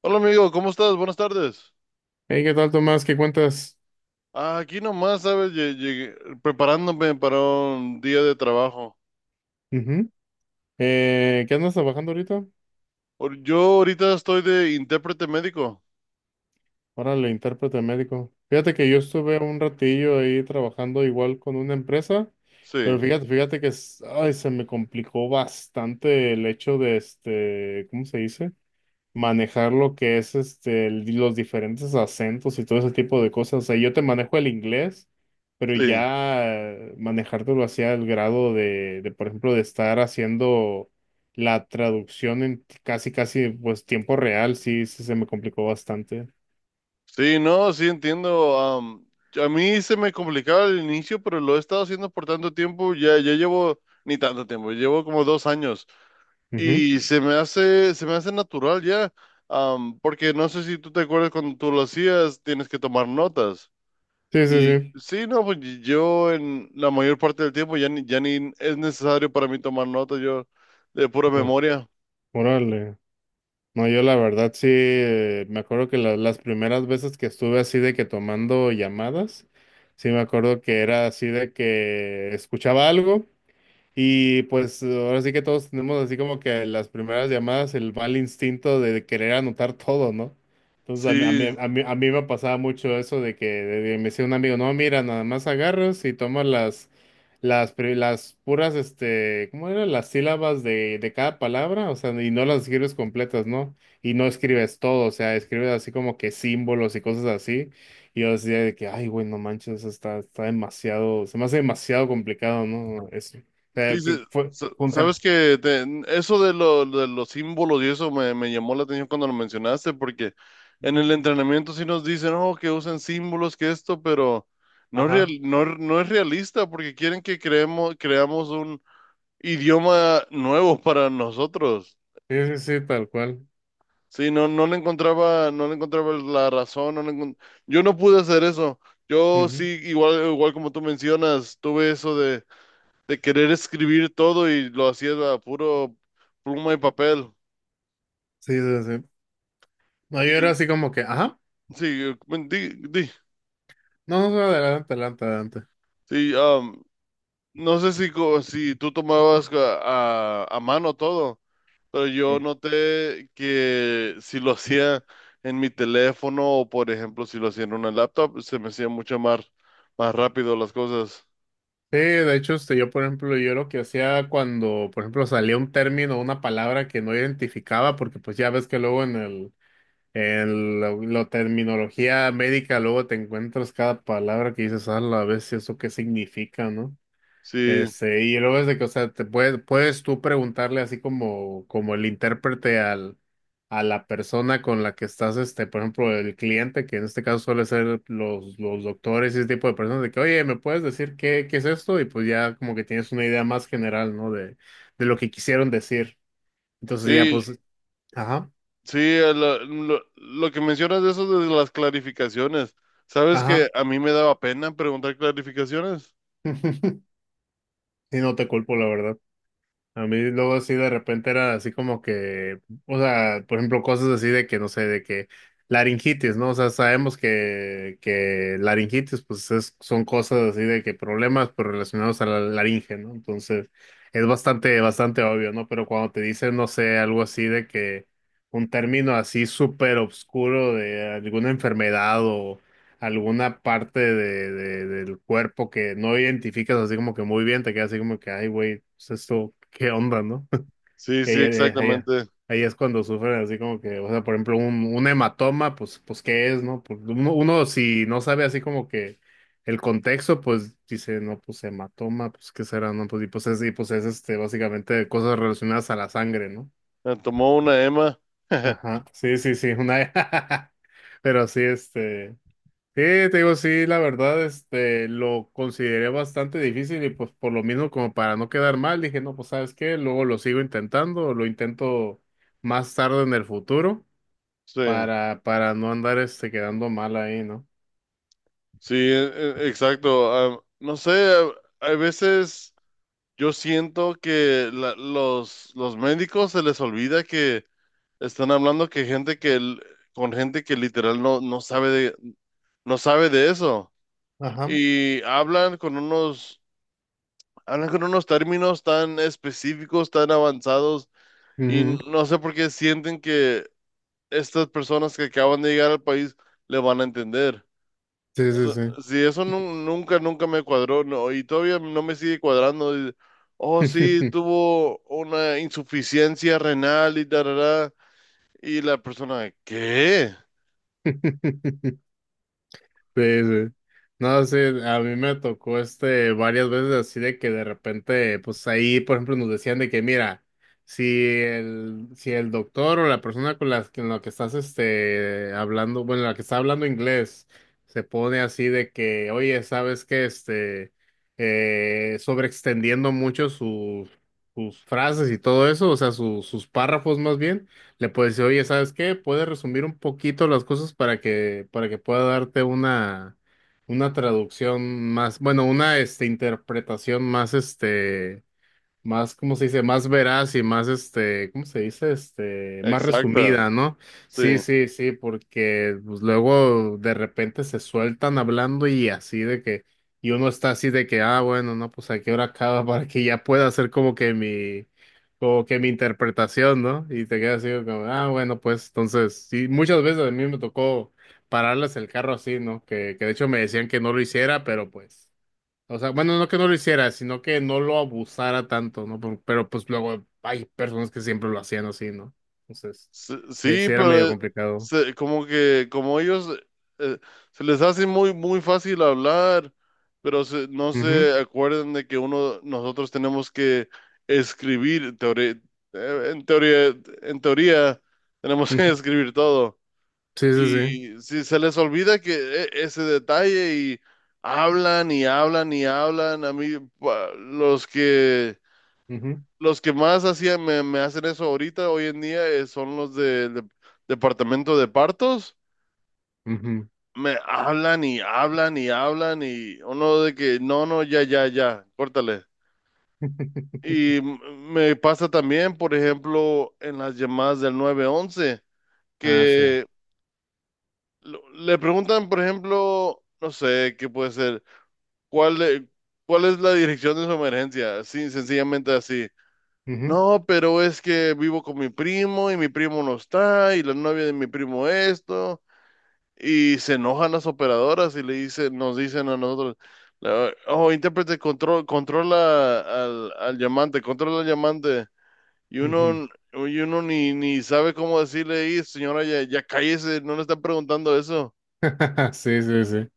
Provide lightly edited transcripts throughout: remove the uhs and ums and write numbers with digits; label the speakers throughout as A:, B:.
A: Hola amigo, ¿cómo estás? Buenas tardes.
B: Hey, ¿qué tal, Tomás? ¿Qué cuentas?
A: Ah, aquí nomás, ¿sabes? Llegué, preparándome para un día de trabajo.
B: Ujú. ¿Qué andas trabajando ahorita?
A: Yo ahorita estoy de intérprete médico.
B: Órale, intérprete médico. Fíjate que yo estuve un ratillo ahí trabajando igual con una empresa,
A: Sí,
B: pero fíjate que ay, se me complicó bastante el hecho de ¿cómo se dice? Manejar lo que es los diferentes acentos y todo ese tipo de cosas. O sea, yo te manejo el inglés, pero
A: sí.
B: ya manejártelo hacia el grado de, por ejemplo, de estar haciendo la traducción en casi, casi, pues, tiempo real, sí, sí se me complicó bastante.
A: Sí, no, sí entiendo. A mí se me complicaba al inicio, pero lo he estado haciendo por tanto tiempo. Ni tanto tiempo, llevo como 2 años.
B: Ujú.
A: Y se me hace natural ya. Porque no sé si tú te acuerdas cuando tú lo hacías, tienes que tomar notas.
B: Sí, sí,
A: Y
B: sí.
A: sí, no, pues yo en la mayor parte del tiempo ya ni es necesario para mí tomar nota, yo de pura
B: Oh,
A: memoria.
B: órale. No, yo la verdad sí, me acuerdo que las primeras veces que estuve así de que tomando llamadas, sí me acuerdo que era así de que escuchaba algo. Y pues ahora sí que todos tenemos así como que las primeras llamadas, el mal instinto de querer anotar todo, ¿no? Entonces a mí, a
A: Sí,
B: mí, a mí, a mí me pasaba mucho eso de que me decía un amigo, no, mira, nada más agarras y tomas las puras, ¿cómo eran? Las sílabas de cada palabra, o sea, y no las escribes completas, ¿no? Y no escribes todo, o sea, escribes así como que símbolos y cosas así. Y yo decía de que, ay, güey, no manches, está demasiado, se me hace demasiado complicado, ¿no?
A: sí,
B: Sea, que
A: sí,
B: fue un...
A: sabes que eso de, de los símbolos y me llamó la atención cuando lo mencionaste, porque en
B: Ujú.
A: el entrenamiento sí nos dicen, oh, que usen símbolos, que esto, pero no,
B: Ajá.
A: no es realista porque quieren que creamos un idioma nuevo para nosotros.
B: Sí, sí, sí, tal cual.
A: Sí, no, no le encontraba la razón, yo no pude hacer eso. Yo sí,
B: Ujú.
A: igual, igual como tú mencionas, tuve de querer escribir todo y lo hacía a puro pluma y papel.
B: Sí, sí, sí. No, yo
A: Y
B: era así como que, ajá.
A: sí, bueno,
B: No, no, no, adelante, adelante, adelante.
A: sí, no sé si, si tú tomabas a mano todo, pero
B: Eh.
A: yo noté que si lo
B: Ujú.
A: hacía en mi teléfono o, por ejemplo, si lo hacía en una laptop, se me hacía más rápido las cosas.
B: Sí, de hecho, yo, por ejemplo, yo lo que hacía cuando, por ejemplo, salía un término, una palabra que no identificaba, porque pues ya ves que luego en el, en la, la terminología médica, luego te encuentras cada palabra que dices, a la vez, ¿eso qué significa, no?
A: Sí,
B: Y luego es de que, o sea, te puedes, puedes tú preguntarle así como, como el intérprete al, a la persona con la que estás, por ejemplo, el cliente, que en este caso suele ser los doctores y ese tipo de personas, de que, oye, ¿me puedes decir qué, qué es esto? Y pues ya como que tienes una idea más general, ¿no? De lo que quisieron decir. Entonces ya
A: sí,
B: pues, ajá,
A: sí, lo que mencionas de eso de las clarificaciones. ¿Sabes que
B: ajá.
A: a mí me daba pena preguntar clarificaciones?
B: Y no te culpo, la verdad. A mí luego así de repente era así como que, o sea, por ejemplo, cosas así de que, no sé, de que laringitis, ¿no? O sea, sabemos que laringitis, pues son cosas así de que problemas, pero relacionados a la laringe, ¿no? Entonces, es bastante, bastante obvio, ¿no? Pero cuando te dicen, no sé, algo así de que un término así súper obscuro de alguna enfermedad, alguna parte de, del cuerpo que no identificas así como que muy bien, te quedas así como que, ay, güey, pues esto, ¿qué onda, no?
A: Sí,
B: Y
A: sí, exactamente.
B: Ahí es cuando sufren así como que, o sea, por ejemplo, un hematoma, pues, pues, ¿qué es, no? Pues, uno, uno si no sabe así como que el contexto, pues dice, no, pues hematoma, pues, ¿qué será, no? Pues, y pues es básicamente cosas relacionadas a la sangre, ¿no?
A: Me tomó una Emma.
B: Ajá, sí, sí, sí, una... Pero sí, este... Sí, te digo, sí, la verdad, lo consideré bastante difícil y pues por lo mismo como para no quedar mal, dije, no, pues sabes qué, luego lo sigo intentando, lo intento más tarde en el futuro
A: Sí,
B: para no andar, quedando mal ahí, ¿no?
A: sí, exacto. Ah, no sé, a veces yo siento que los médicos se les olvida que están hablando que gente que l- con gente que literal no sabe de, no sabe de eso.
B: Ajá.
A: Y hablan con unos términos tan específicos, tan avanzados, y
B: Ujú.
A: no sé por qué sienten que estas personas que acaban de llegar al país le van a entender.
B: Sí,
A: Eso,
B: sí,
A: sí, eso nunca me cuadró, no, y todavía no me sigue cuadrando. Y oh, sí,
B: sí.
A: tuvo una insuficiencia renal y tarará. Y la persona, ¿qué?
B: Sí, sí. No, sí, a mí me tocó varias veces así de que de repente, pues ahí, por ejemplo, nos decían de que, mira, si el, si el doctor o la persona con la que estás hablando, bueno, la que está hablando inglés, se pone así de que, oye, ¿sabes qué? Sobreextendiendo mucho sus, sus frases y todo eso, o sea, sus párrafos más bien le puedes decir, oye, ¿sabes qué? Puedes resumir un poquito las cosas para que pueda darte una traducción más, bueno, una, interpretación más, más, ¿cómo se dice? Más veraz y más, ¿cómo se dice? Más
A: Exacta,
B: resumida, ¿no? Sí,
A: sí.
B: sí, sí, porque pues, luego de repente se sueltan hablando y así de que, y uno está así de que, ah, bueno, no, pues a qué hora acaba para que ya pueda hacer como que mi interpretación, ¿no? Y te quedas así como, ah, bueno, pues entonces, sí, muchas veces a mí me tocó pararles el carro así, ¿no? Que de hecho me decían que no lo hiciera, pero pues. O sea, bueno, no que no lo hiciera, sino que no lo abusara tanto, ¿no? Pues luego hay personas que siempre lo hacían así, ¿no? Entonces,
A: Sí,
B: sí,
A: sí,
B: sí era medio
A: pero
B: complicado.
A: como que como ellos eh, se les hace muy muy fácil hablar, pero no
B: Ujú,
A: se acuerdan de que uno nosotros tenemos que escribir teore- en teoría, en teoría tenemos que
B: ujú.
A: escribir todo.
B: Sí, sí, sí.
A: Y si se les olvida ese detalle y hablan y hablan y hablan a mí
B: Ujú,
A: los que más hacían, me hacen eso ahorita, hoy en día, son los departamento de partos.
B: ujú.
A: Me hablan y hablan y hablan y uno de que, no, no, ya, ya, ya, córtale. Y me pasa también, por ejemplo, en las llamadas del 911,
B: Ah, sí.
A: que le preguntan, por ejemplo, no sé, qué puede ser, ¿cuál, de- ¿cuál es la dirección de su emergencia? Sí, sencillamente así.
B: Ujú,
A: No, pero es que vivo con mi primo y mi primo no está y la novia de mi primo esto y se enojan las operadoras y le dicen, nos dicen a nosotros, oh, intérprete, control, controla al, al llamante, controla al llamante y
B: ujú.
A: uno, y uno ni, ni sabe cómo decirle, "Ey, señora, ya, ya cállese, no le están preguntando eso,
B: Sí, sí, sí.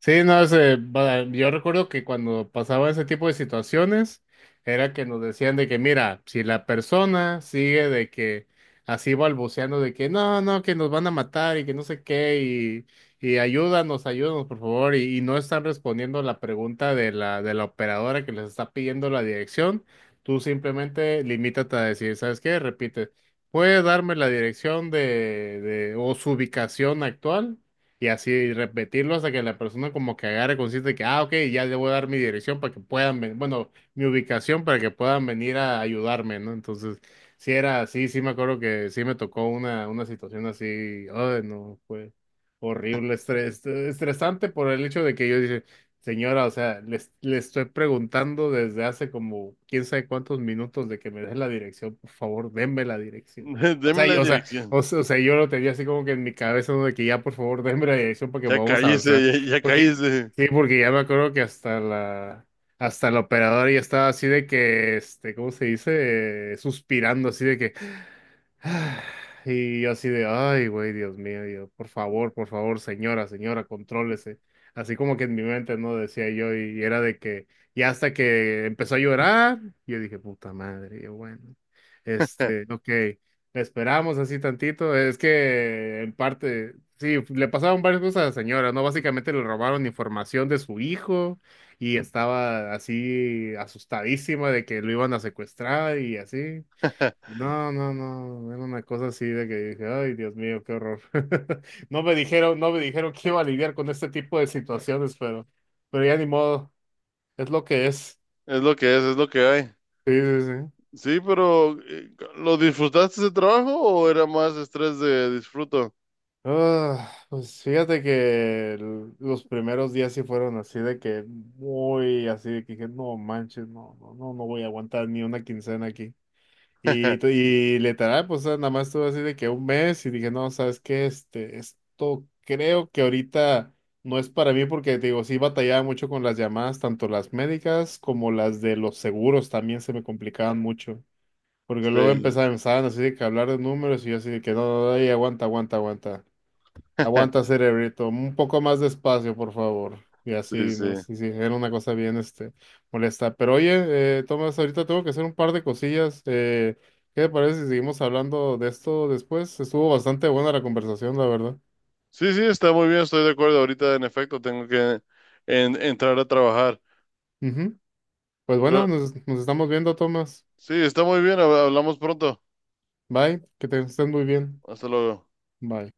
B: Sí, no, ese, yo recuerdo que cuando pasaba ese tipo de situaciones, era que nos decían de que, mira, si la persona sigue de que así balbuceando de que no, no, que nos van a matar y que no sé qué, y ayúdanos, ayúdanos, por favor, y no están respondiendo la pregunta de la operadora que les está pidiendo la dirección, tú simplemente limítate a decir, ¿sabes qué? Repite, ¿puede darme la dirección de o su ubicación actual? Y así repetirlo hasta que la persona como que agarre consciente de que, ah, ok, ya le voy a dar mi dirección para que puedan venir, bueno, mi ubicación para que puedan venir a ayudarme, ¿no? Entonces, sí era así, sí me acuerdo que sí me tocó una situación así, ay, no, fue horrible, estresante por el hecho de que yo dije, señora, o sea, le, le estoy preguntando desde hace como quién sabe cuántos minutos de que me dé la dirección, por favor, denme la dirección. O
A: deme
B: sea,
A: la
B: o sea,
A: dirección,
B: yo lo tenía así como que en mi cabeza, ¿no? De que ya por favor denme la dirección porque
A: ya
B: vamos a
A: cállese,
B: avanzar.
A: ya, ya
B: Porque,
A: cállese,
B: sí, porque ya me acuerdo que hasta la operadora ya estaba así de que, ¿cómo se dice? Suspirando así de que, "Ah", y yo así de, ay, güey, Dios mío, yo, por favor, señora, señora, contrólese. Así como que en mi mente, ¿no? Decía yo, y era de que, ya hasta que empezó a llorar, yo dije, puta madre, yo, bueno, ok. Esperamos así tantito. Es que en parte, sí, le pasaron varias cosas a la señora, ¿no? Básicamente le robaron información de su hijo y estaba así asustadísima de que lo iban a secuestrar y así. No, no, no, era una cosa así de que dije, ay, Dios mío, qué horror. No me dijeron, no me dijeron que iba a lidiar con este tipo de situaciones, pero ya ni modo, es lo que es.
A: es lo que hay.
B: Sí, sí, sí.
A: Sí, pero ¿lo disfrutaste de trabajo o era más estrés de disfruto?
B: Ah, pues fíjate que los primeros días sí fueron así de que muy así de que dije, no manches, no, no, no, no voy a aguantar ni una quincena aquí. Y literal, pues nada más estuve así de que un mes y dije, no, ¿sabes qué? Esto creo que ahorita no es para mí porque te digo, sí batallaba mucho con las llamadas, tanto las médicas como las de los seguros también se me complicaban mucho. Porque luego
A: Sí,
B: empezaban así de que hablar de números y yo así de que no, no, no, ey, aguanta, aguanta, aguanta. Aguanta, cerebrito. Un poco más despacio, por favor. Y
A: sí,
B: así,
A: sí.
B: ¿no? Sí, sí, era una cosa bien, molesta. Pero oye, Tomás, ahorita tengo que hacer un par de cosillas. ¿Qué te parece si seguimos hablando de esto después? Estuvo bastante buena la conversación, la verdad.
A: Sí, sí, está muy bien, estoy de acuerdo. Ahorita, en efecto, tengo que entrar a trabajar.
B: Ujú. Pues
A: Pero
B: bueno, nos estamos viendo, Tomás.
A: sí, está muy bien, hablamos pronto.
B: Bye, que te estés muy bien.
A: Hasta luego.
B: Bye.